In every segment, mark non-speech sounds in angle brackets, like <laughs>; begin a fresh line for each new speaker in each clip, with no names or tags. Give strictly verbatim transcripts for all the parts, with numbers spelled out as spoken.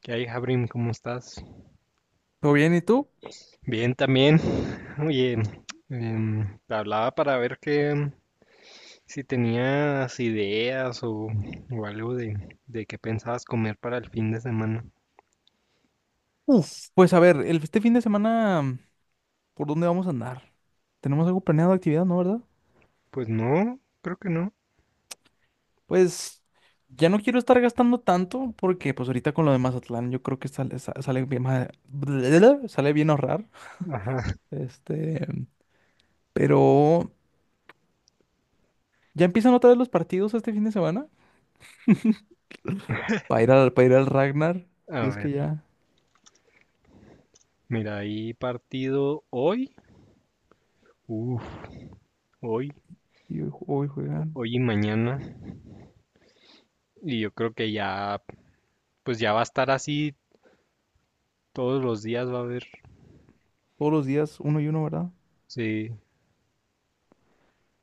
¿Qué hay, Jabrim? ¿Cómo estás?
¿Todo bien? ¿Y tú?
Bien, también. Oye, em, te hablaba para ver que em, si tenías ideas o, o algo de, de qué pensabas comer para el fin de semana.
Uf, pues a ver, el, este fin de semana, ¿por dónde vamos a andar? ¿Tenemos algo planeado de actividad, no, verdad?
Pues no, creo que no.
Pues ya no quiero estar gastando tanto porque pues ahorita con lo de Mazatlán yo creo que sale, sa- sale bien, ma- <laughs> sale bien ahorrar.
Ajá.
Este, pero ya empiezan otra vez los partidos este fin de semana para ir al, para ir al Ragnar.
A
Y es
ver,
que ya,
mira, hay partido hoy. Uf, hoy,
y hoy hoy juegan
hoy y mañana. Y yo creo que ya, pues ya va a estar así todos los días, va a haber.
todos los días uno y uno, ¿verdad?
Sí.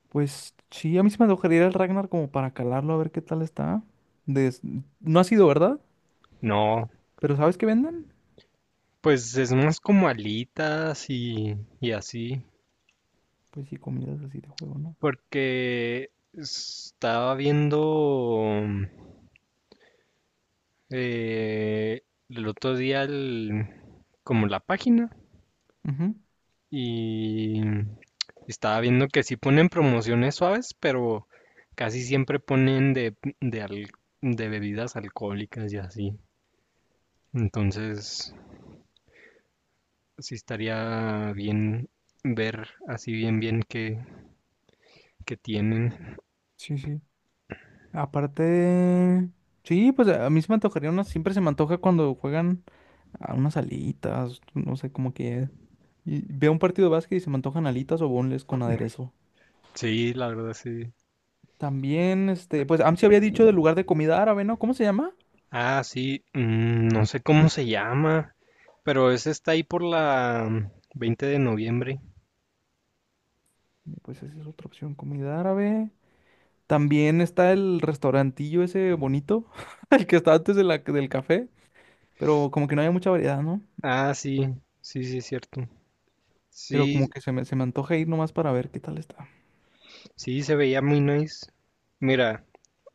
Pues sí, a mí se me antojaría ir al Ragnar como para calarlo a ver qué tal está. Des- No ha sido, ¿verdad?
No,
Pero ¿sabes qué venden?
pues es más como alitas y, y así.
Pues sí, comidas así de juego, ¿no?
Porque estaba viendo eh, el otro día el- como la página
Ujú.
y estaba viendo que sí ponen promociones suaves, pero casi siempre ponen de, de, al- de bebidas alcohólicas y así. Entonces, sí estaría bien ver así bien bien qué, qué tienen.
Sí, sí. Aparte, sí, pues a mí se me antojaría una, siempre se me antoja cuando juegan a unas alitas, no sé, como que y veo un partido de básquet y se me antojan alitas o boneless con aderezo.
Sí, la verdad sí.
También, este, pues Amsi había dicho del lugar de comida árabe, ¿no? ¿Cómo se llama?
Ah, sí, mm, no sé cómo se llama, pero ese está ahí por la mm, veinte de noviembre.
Pues esa es otra opción, comida árabe. También está el restaurantillo ese bonito, <laughs> el que está antes de la- del café, pero como que no hay mucha variedad, ¿no?
Ah, sí, sí, sí, es cierto.
Pero como
Sí,
que se me, se me antoja ir nomás para ver qué tal está,
sí, se veía muy nice. Mira,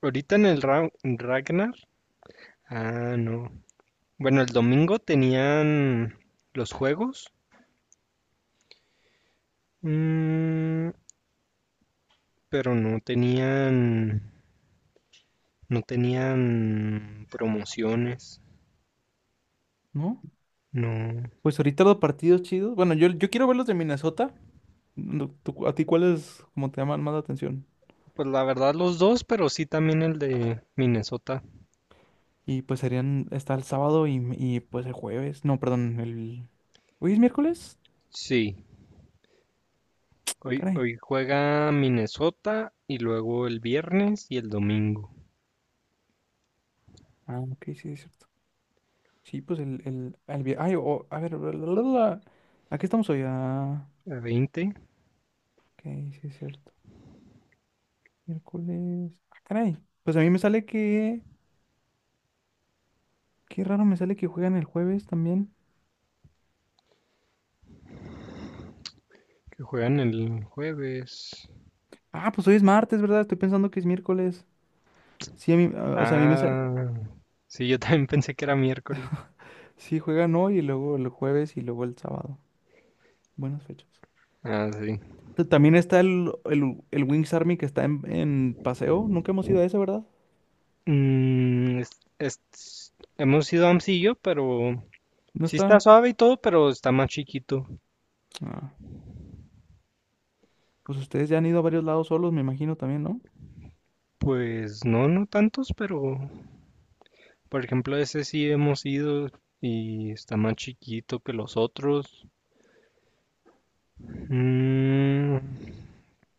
ahorita en el Ra- Ragnar, ah, no. Bueno, el domingo tenían los juegos, mm, pero no tenían, no tenían promociones,
¿no?
no.
Pues ahorita los partidos chidos. Bueno, yo, yo quiero ver los de Minnesota. No, tú- ¿a ti cuáles como te llaman más la atención?
Pues la verdad los dos, pero sí también el de Minnesota.
Y pues serían, está el sábado y, y, pues el jueves. No, perdón, el... ¿Hoy es miércoles?
Sí, hoy,
Caray.
hoy juega Minnesota y luego el viernes y el domingo.
Ah, ok, sí, es cierto. Sí, pues el... el, el vi- ay, o- a ver, bla, bla, bla, bla. ¿A qué estamos hoy? Ah,
A veinte
ok, sí, es cierto. Miércoles. Ah, caray. Pues a mí me sale que. Qué raro me sale que juegan el jueves también.
que juegan el jueves.
Ah, pues hoy es martes, ¿verdad? Estoy pensando que es miércoles. Sí, a mí, a- o sea, a mí me sale.
Ah, sí, yo también <laughs> pensé que era miércoles.
Sí, juegan hoy y luego el jueves y luego el sábado. Buenas fechas.
Ah, sí.
T- También está el, el, el Wings Army que está en, en paseo. Nunca hemos ido a ese, ¿verdad?
Mm, es- es- hemos ido a Amsillo, pero
No
sí está
está.
suave y todo, pero está más chiquito.
Ah, pues ustedes ya han ido a varios lados solos, me imagino también, ¿no?
Pues no, no tantos, pero por ejemplo ese sí hemos ido y está más chiquito que los otros. Mm,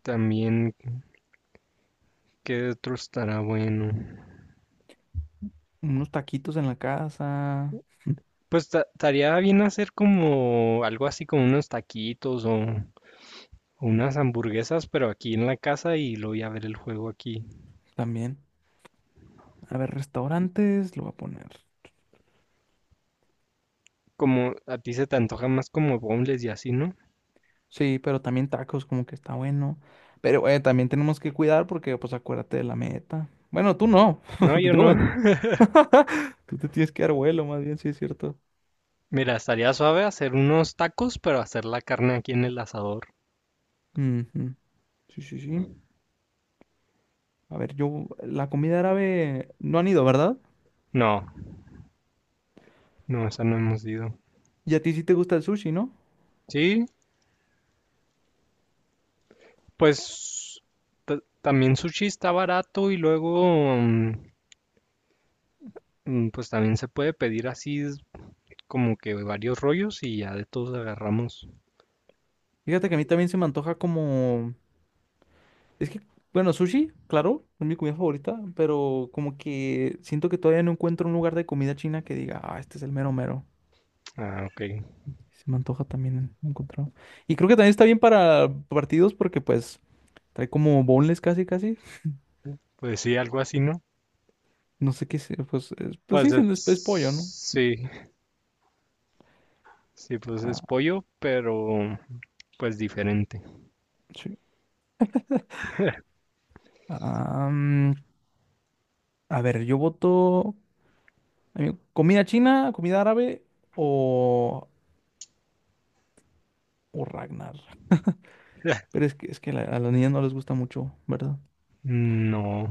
también, ¿qué otro estará bueno?
Unos taquitos en la casa.
Pues ta- estaría bien hacer como algo así como unos taquitos o unas hamburguesas, pero aquí en la casa y luego ya ver el juego aquí.
También. A ver, restaurantes, lo voy a poner.
Como a ti se te antoja más como bombles y así, ¿no?
Sí, pero también tacos, como que está bueno. Pero eh, también tenemos que cuidar porque, pues, acuérdate de la meta. Bueno, tú no.
No,
<laughs>
yo
Yo
no.
me...
<laughs>
<laughs> Tú te tienes que dar vuelo, más bien, sí es cierto.
Mira, estaría suave hacer unos tacos, pero hacer la carne aquí en el asador.
Ujú. Sí, sí, sí. A ver, yo, la comida árabe no han ido, ¿verdad?
No, no, esa no hemos ido.
Y a ti sí te gusta el sushi, ¿no?
Sí, pues ta- también sushi está barato y luego, mm, mm, pues también se puede pedir así como que varios rollos y ya de todos agarramos.
Fíjate que a mí también se me antoja como... Es que, bueno, sushi, claro, es mi comida favorita, pero como que siento que todavía no encuentro un lugar de comida china que diga, ah, este es el mero mero.
Ah, ok.
Se me antoja también encontrarlo. Y creo que también está bien para partidos porque pues trae como boneless casi casi.
Pues sí, algo así, ¿no?
No sé qué sea, pues, es- pues sí,
Pues
siendo es, es
es...
pollo, ¿no?
Sí, sí, pues es
Ah,
pollo, pero pues diferente.
sí. Ah, mm, a ver, yo voto a mí, comida china, comida árabe o, o Ragnar.
<laughs>
Pero es que, es que la- a las niñas no les gusta mucho, ¿verdad?
No.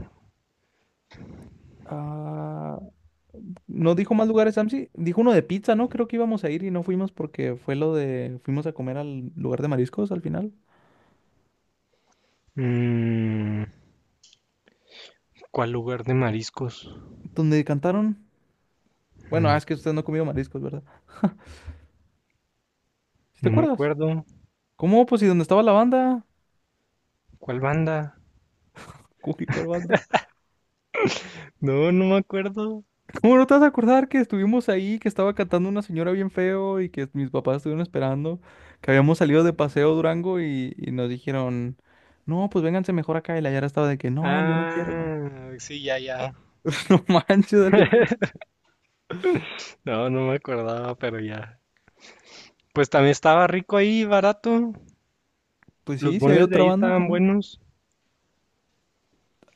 Ah, no dijo más lugares, Samsi. Dijo uno de pizza, ¿no? Creo que íbamos a ir y no fuimos porque fue lo de... Fuimos a comer al lugar de mariscos al final.
Mm, ¿cuál lugar de mariscos?
Donde cantaron. Bueno, ah,
Mm,
es que usted no ha comido mariscos, ¿verdad? ¿Sí te
no me
acuerdas?
acuerdo.
¿Cómo? Pues, ¿y dónde estaba la banda?
¿Cuál banda?
Uy, ¿cuál banda?
No, no me acuerdo.
<laughs> ¿Cómo no te vas a acordar que estuvimos ahí, que estaba cantando una señora bien feo y que mis papás estuvieron esperando, que habíamos salido de paseo a Durango y, y nos dijeron, no, pues vénganse mejor acá y la Yara estaba de que, no, yo no quiero.
Ah, sí, ya, ya.
<laughs> No manches, Alexis.
No, no me acordaba, pero ya. Pues también estaba rico ahí, barato.
Pues
Los
sí, sí hay
bonles de
otra
ahí
banda
estaban
también.
buenos.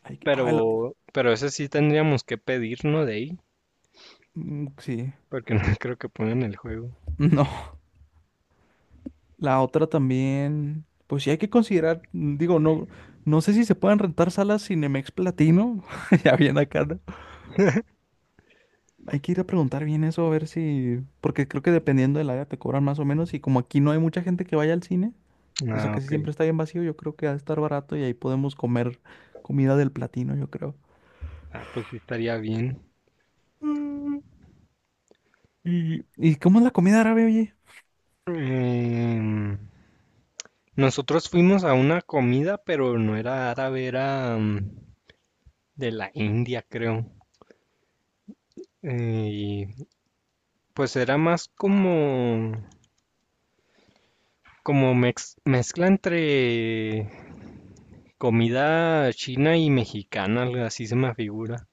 Ay, ay, la-
Pero, pero ese sí tendríamos que pedirnos de ahí,
mm, sí.
porque no <laughs> creo que pongan el juego.
<laughs> No. La otra también, pues sí hay que considerar, mm, digo, no, no sé si se pueden rentar salas Cinemex Platino, <laughs> ya bien acá, ¿no? Hay que ir a preguntar bien eso, a ver si, porque creo que dependiendo del área te cobran más o menos, y como aquí no hay mucha gente que vaya al cine, o sea,
Ah,
casi
ok.
siempre está bien vacío, yo creo que va a estar barato y ahí podemos comer comida del Platino, yo creo.
Ah, pues sí estaría bien.
Mm. ¿Y, y cómo es la comida árabe, oye?
Em, nosotros fuimos a una comida, pero no era árabe, era mm, de la India, creo. Eh, Y pues era más como, como mex- mezcla entre comida china y mexicana, algo así se me figura.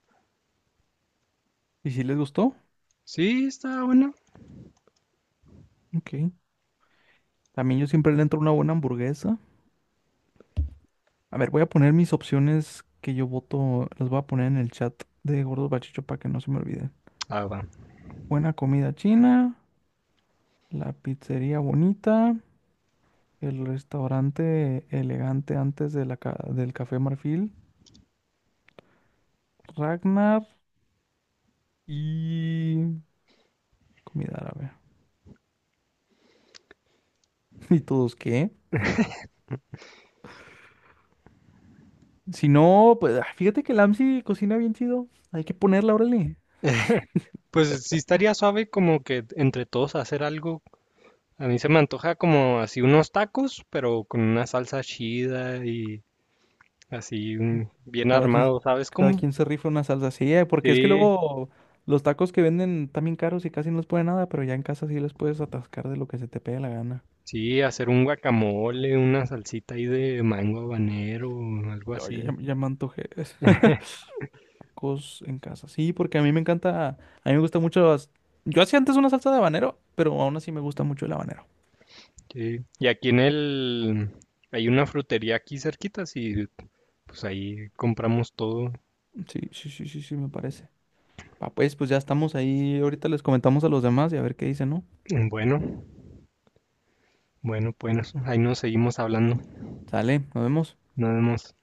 ¿Y si les gustó?
Sí, está bueno.
Ok. También yo siempre le entro una buena hamburguesa. A ver, voy a poner mis opciones que yo voto, las voy a poner en el chat de Gordos Bachicho para que no se me olvide.
Ah, va.
Buena comida china, la pizzería bonita, el restaurante elegante antes de la ca- del Café Marfil, Ragnar y comida árabe. <laughs> ¿Y todos qué? Si no, pues ah, fíjate que el AMSI cocina bien chido. Hay que ponerla, órale.
Pues sí estaría suave como que entre todos hacer algo. A mí se me antoja como así unos tacos, pero con una salsa chida y así un- bien
Cada quien,
armado, ¿sabes
cada
cómo?
quien se rifa una salsa. Sí, eh, porque es que
Sí,
luego los tacos que venden están bien caros y casi no les pone nada, pero ya en casa sí les puedes atascar de lo que se te pegue la gana.
sí, hacer un guacamole, una salsita ahí de mango habanero, algo
Oye, ya,
así.
ya me antojé. <laughs> Tacos en casa. Sí, porque a mí me encanta, a mí me gusta mucho las... Yo hacía antes una salsa de habanero, pero aún así me gusta mucho el habanero.
Sí. Y aquí en el... hay una frutería aquí cerquita, y pues ahí compramos todo.
Sí, sí, sí, sí, sí, me parece. Ah, pues, pues ya estamos ahí. Ahorita les comentamos a los demás y a ver qué dicen, ¿no?
Bueno, bueno, pues ahí nos seguimos hablando.
Sale, nos vemos.
Nos vemos.